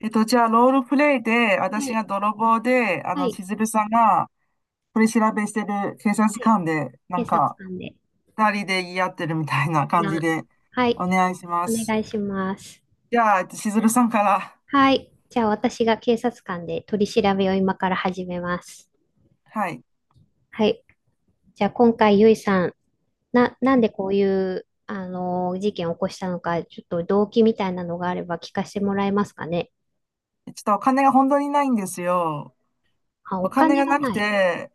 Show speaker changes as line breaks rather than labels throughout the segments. じゃあ、ロールプレイで、
は
私
い、
が泥棒で、
はい、
しずるさんが取り調べしてる警察
はい。
官で、な
警
ん
察
か、
官で。
二人で言い合ってるみたいな感じ
な、
で、
はい、
お願いしま
お
す。
願いします。
じゃあ、しずるさんから。
はい。じゃあ私が警察官で取り調べを今から始めます。
はい。ち
はい。じゃあ今回、ゆいさん、なんでこういう、事件を起こしたのか、ちょっと動機みたいなのがあれば聞かせてもらえますかね？
ょっとお金が本当にないんですよ。
あ、
お
お
金
金
が
が
なく
ない。
て、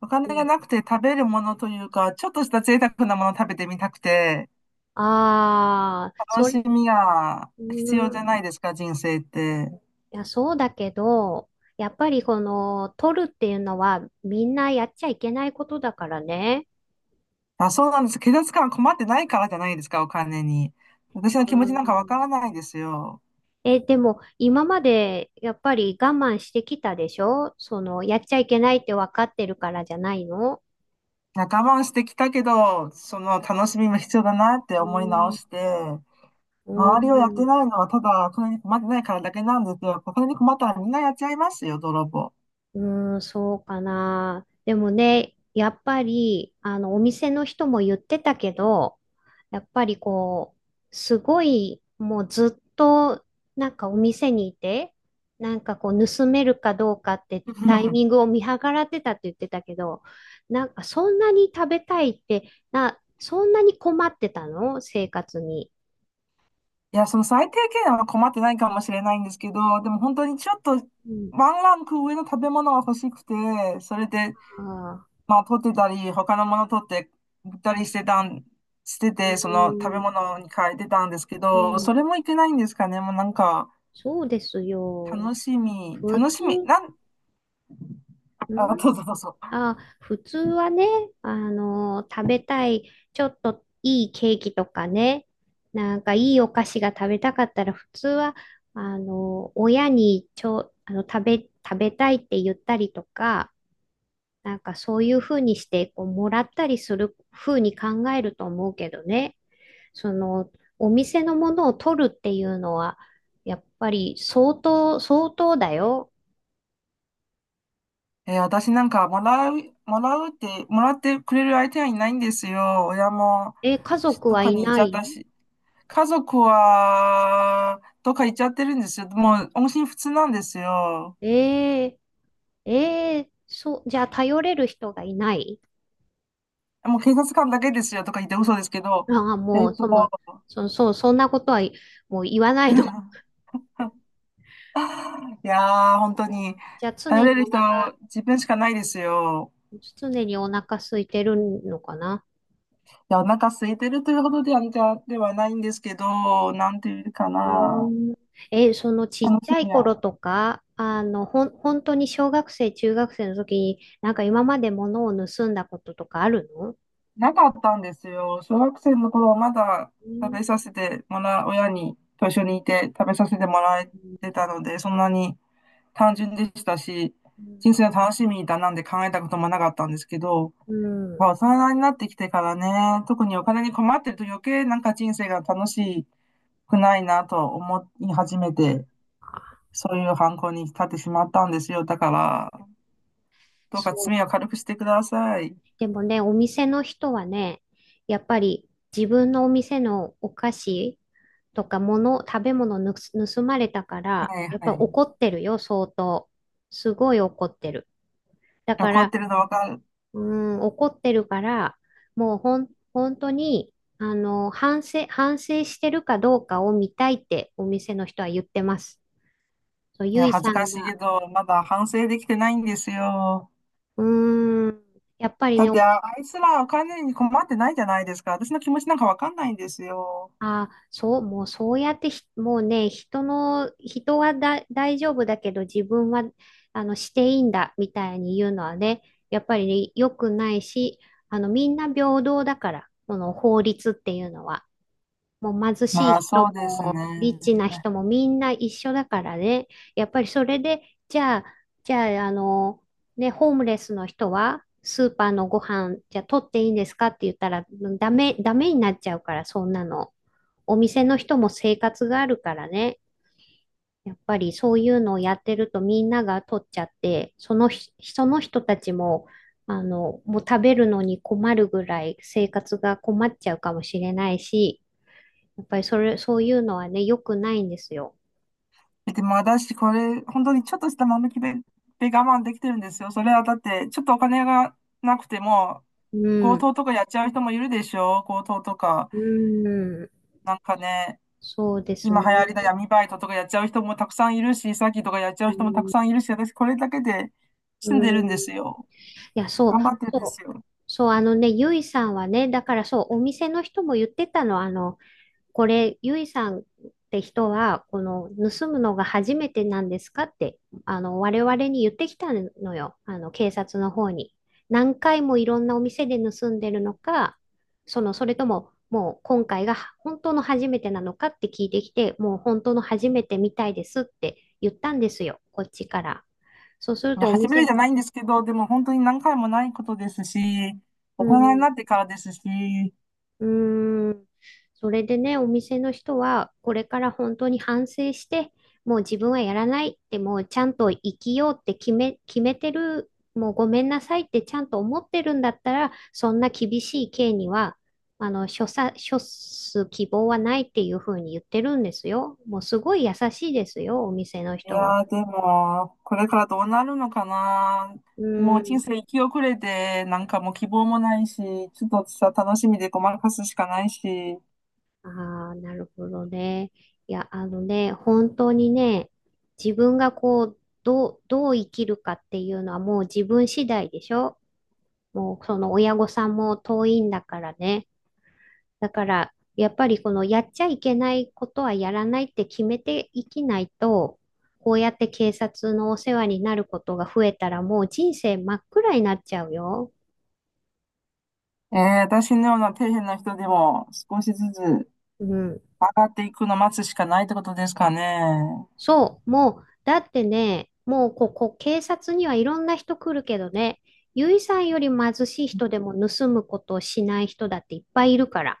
お
う
金が
ん。
なくて食べるものというか、ちょっとした贅沢なものを食べてみたくて、
ああ、
楽
それ。
しみが
う
必要じ
ー
ゃ
ん、
ないですか、人生って。
いや、そうだけど、やっぱりこの、取るっていうのはみんなやっちゃいけないことだからね。
あ、そうなんです。警察官は困ってないからじゃないですか、お金に。私の
う
気持ちなんかわ
ん。
からないですよ。
え、でも今までやっぱり我慢してきたでしょ？そのやっちゃいけないって分かってるからじゃないの？
我慢してきたけど、その楽しみも必要だなって思い直して、
う
周りをやって
ん
ないのはただお金に困ってないからだけなんですよ。お金に困ったらみんなやっちゃいますよ、泥棒。
うーん、そうかな。でもね、やっぱり、お店の人も言ってたけど、やっぱりすごい、もうずっと、なんかお店にいて、なんか盗めるかどうかってタイミング を見計らってたって言ってたけど、なんかそんなに食べたいって、そんなに困ってたの？生活に。
いや、その最低限は困ってないかもしれないんですけど、でも本当にちょっと
うん。
ワンランク上の食べ物が欲しくて、それで
ああ、
まあ、取ってたり、他のもの取って売ったりしてたん、して
う
て、その食べ
ん、
物に変えてたんですけ
う
ど、
ん、
それもいけないんですかね。もうなんか、
そうですよ。
楽しみ、
普
楽しみ、
通、
なん、
う
あ、
ん。
どうぞどうぞ。
あ、普通はね、食べたい、ちょっといいケーキとかね、なんかいいお菓子が食べたかったら、普通は、親に食べたいって言ったりとか、なんかそういうふうにして、もらったりするふうに考えると思うけどね、その、お店のものを取るっていうのは、やっぱり相当、相当だよ。
えー私なんか、もらうって、もらってくれる相手はいないんですよ。親も
え、家
し
族
どっ
は
か
い
に行っ
な
ちゃった
い？
し。家族は、どっか行っちゃってるんですよ。もう、音信不通なんですよ。
ええええそう、じゃあ頼れる人がいない？
もう警察官だけですよとか言って、嘘ですけど。
ああ、
え
も
っ
う、
と、
そう、そんなこと、はい。もう言わないの。
いやー、本当 に、
じゃあ常
頼れ
に
る
お
人、
腹、
自分しかないですよ。
常にお腹空いてるのかな。
いや、お腹空いてるというほどでは、ではないんですけど、なんていうか
う
な、
ーん。え、そのちっ
楽
ち
し
ゃい
みは
頃とか、本当に小学生、中学生の時に、なんか今まで物を盗んだこととかあるの？
なかったんですよ。小学生の頃はまだ
う
食
ん。
べさせてもらう、親にと一緒にいて食べさせてもらえてたので、そんなに単純でしたし、人生の楽しみだなんて考えたこともなかったんですけど、
う
ま
ん。
あ、大人になってきてからね、特にお金に困ってると余計なんか人生が楽しくないなと思い始めて、そういう犯行に立ってしまったんですよ。だから、どうか
そう
罪を
か。
軽くしてください。
でもね、お店の人はね、やっぱり自分のお店のお菓子とか物、食べ物盗まれたから、
はい
やっぱ
はい。
怒ってるよ、相当。すごい怒ってる。だか
怒っ
ら、
てるのわかる。
うーん、怒ってるから、もう本当に、反省してるかどうかを見たいってお店の人は言ってます。そう、
い
ゆ
や、
い
恥ず
さ
か
ん
しい
が、
けど、まだ反省できてないんですよ。
うーん、やっぱり
だっ
ね、
て、ああいつらお金に困ってないじゃないですか。私の気持ちなんかわかんないんですよ。
あ、そう、もうそうやってもうね、人の、人はだ、大丈夫だけど自分は、していいんだ、みたいに言うのはね、やっぱりね、良くないし、みんな平等だから、この法律っていうのは。もう貧しい
まあ、
人
そうですね。
も、リッチな人もみんな一緒だからね、やっぱりそれで、じゃあ、じゃあ、ね、ホームレスの人は、スーパーのご飯、じゃあ取っていいんですかって言ったら、ダメ、ダメになっちゃうから、そんなの。お店の人も生活があるからね、やっぱりそういうのをやってるとみんなが取っちゃって、そのひ、その人たちも、もう食べるのに困るぐらい生活が困っちゃうかもしれないし、やっぱりそういうのはね、良くないんですよ。
えでも私、これ、本当にちょっとした間抜きで、で我慢できてるんですよ。それはだって、ちょっとお金がなくても、
う
強
ん。
盗とかやっちゃう人もいるでしょ強盗とか。
うん。
なんかね、
そうです
今
ね。
流行りの闇バイトとかやっちゃう人もたくさんいるし、詐欺とかやっちゃう人もたくさんいるし、私これだけで
う
住んでる
ん。
んで
い
すよ。
や、そう、
頑張ってるんです
そう。
よ。
そう、あのね、ゆいさんはね、だからそう、お店の人も言ってたの、これ、ゆいさんって人は、この盗むのが初めてなんですかって、我々に言ってきたのよ。あの、警察の方に。何回もいろんなお店で盗んでるのか、それとも、もう今回が本当の初めてなのかって聞いてきて、もう本当の初めてみたいですって言ったんですよ、こっちから。そうする
いや、
とお
初めて
店、
じゃないんですけど、でも本当に何回もないことですし、
う
大人に
ん、
なってからですし。
うーん。それでね、お店の人は、これから本当に反省して、もう自分はやらないって、もうちゃんと生きようって決めてる、もうごめんなさいってちゃんと思ってるんだったら、そんな厳しい刑には、処す希望はないっていうふうに言ってるんですよ。もうすごい優しいですよ、お店の
い
人は。
やー、でも、これからどうなるのかな。
う
も
ー
う人
ん。
生生き遅れて、なんかもう希望もないし、ちょっとさ、楽しみでごまかすしかないし。
ああ、なるほどね。いや、あのね、本当にね、自分がどう生きるかっていうのはもう自分次第でしょ？もうその親御さんも遠いんだからね。だから、やっぱりこのやっちゃいけないことはやらないって決めていきないと、こうやって警察のお世話になることが増えたらもう人生真っ暗になっちゃうよ。
えー、私のような底辺な人でも少しずつ上
うん。
がっていくのを待つしかないってことですかね。
そう、もう、だってね、もうここ、警察にはいろんな人来るけどね、ゆいさんより貧しい人でも盗むことをしない人だっていっぱいいるから。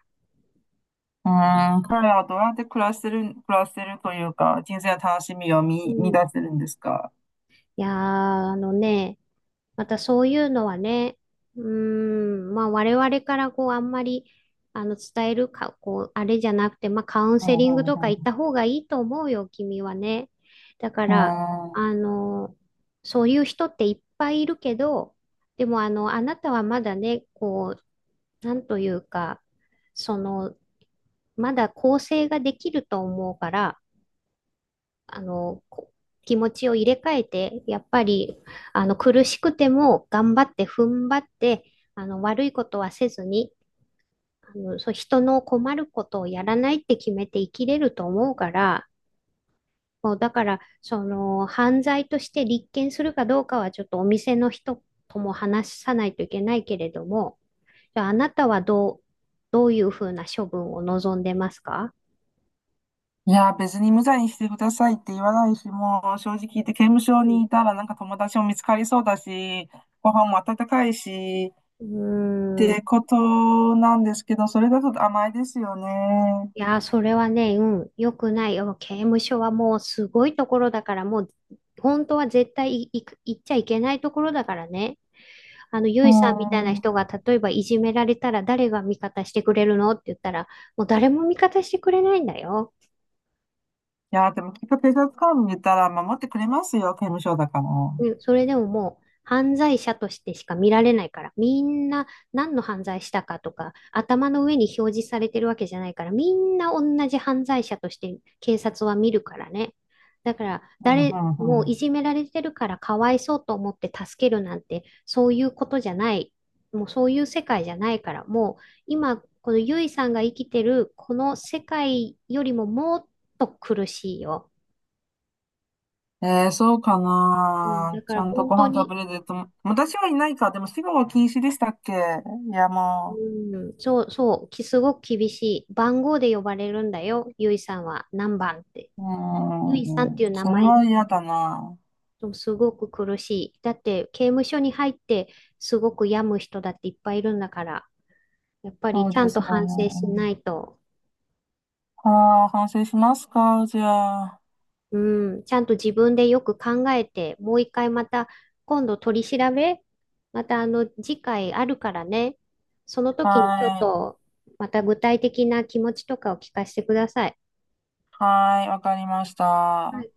うーん、彼らはどうやって暮らしてる、暮らしてるというか、人生の楽しみを
う
見、見出
ん。
せるんですか。
いやー、あのね、またそういうのはね、うーん、まあ我々からあんまり伝えるか、あれじゃなくて、まあカウン
う
セリング
ん、う
とか行っ
ん、
た方がいいと思うよ、君はね。だか
う
ら、
ん。うーん。
あの、そういう人っていっぱいいるけど、でもあの、あなたはまだね、なんというか、その、まだ構成ができると思うから、あの、こ気持ちを入れ替えて、やっぱり、苦しくても頑張って踏ん張って、悪いことはせずに、そう、人の困ることをやらないって決めて生きれると思うから、もうだから、犯罪として立件するかどうかはちょっとお店の人とも話さないといけないけれども、じゃあ、あなたはどういうふうな処分を望んでますか？
いや、別に無罪にしてくださいって言わないし、もう正直言って刑務所
う
に
ん。
いたらなんか友達も見つかりそうだし、ご飯も温かいし
う
っ
ーん。
てことなんですけど、それだと甘いですよね。
いやー、それはね、うん、良くないよ。刑務所はもうすごいところだから、もう本当は絶対行っちゃいけないところだからね。ゆ
う
いさんみたいな
ん。い
人が例えばいじめられたら誰が味方してくれるのって言ったら、もう誰も味方してくれないんだよ。
や、でもきっと警察官見たら守ってくれますよ、刑務所だから。
ね、それでももう犯罪者としてしか見られないから、みんな何の犯罪したかとか、頭の上に表示されてるわけじゃないから、みんな同じ犯罪者として警察は見るからね。だから、
うん、うん、う
もう
ん。
いじめられてるからかわいそうと思って助けるなんて、そういうことじゃない。もうそういう世界じゃないから、もう今、このゆいさんが生きてるこの世界よりももっと苦しいよ。
えー、そうか
うん、
な。
だか
ち
ら
ゃんと
本
ご
当
飯食
に。
べれると。私はいないか。でも死後は禁止でしたっけ。いや、も
うん、そうそう、すごく厳しい。番号で呼ばれるんだよ、ゆいさんは何番って。
う。う
ゆいさんっていう
ん。
名
それ
前。
は嫌だな。
すごく苦しい。だって刑務所に入ってすごく病む人だっていっぱいいるんだから、やっぱ
そ
り
う
ちゃ
で
んと
すよ
反省しな
ね。
いと、
はあ、反省しますか、じゃあ。
うん、ちゃんと自分でよく考えて、もう一回また今度取り調べ、またあの次回あるからね、その時にちょっ
はい。
とまた具体的な気持ちとかを聞かせてください。
はい、わかりまし
は
た。
い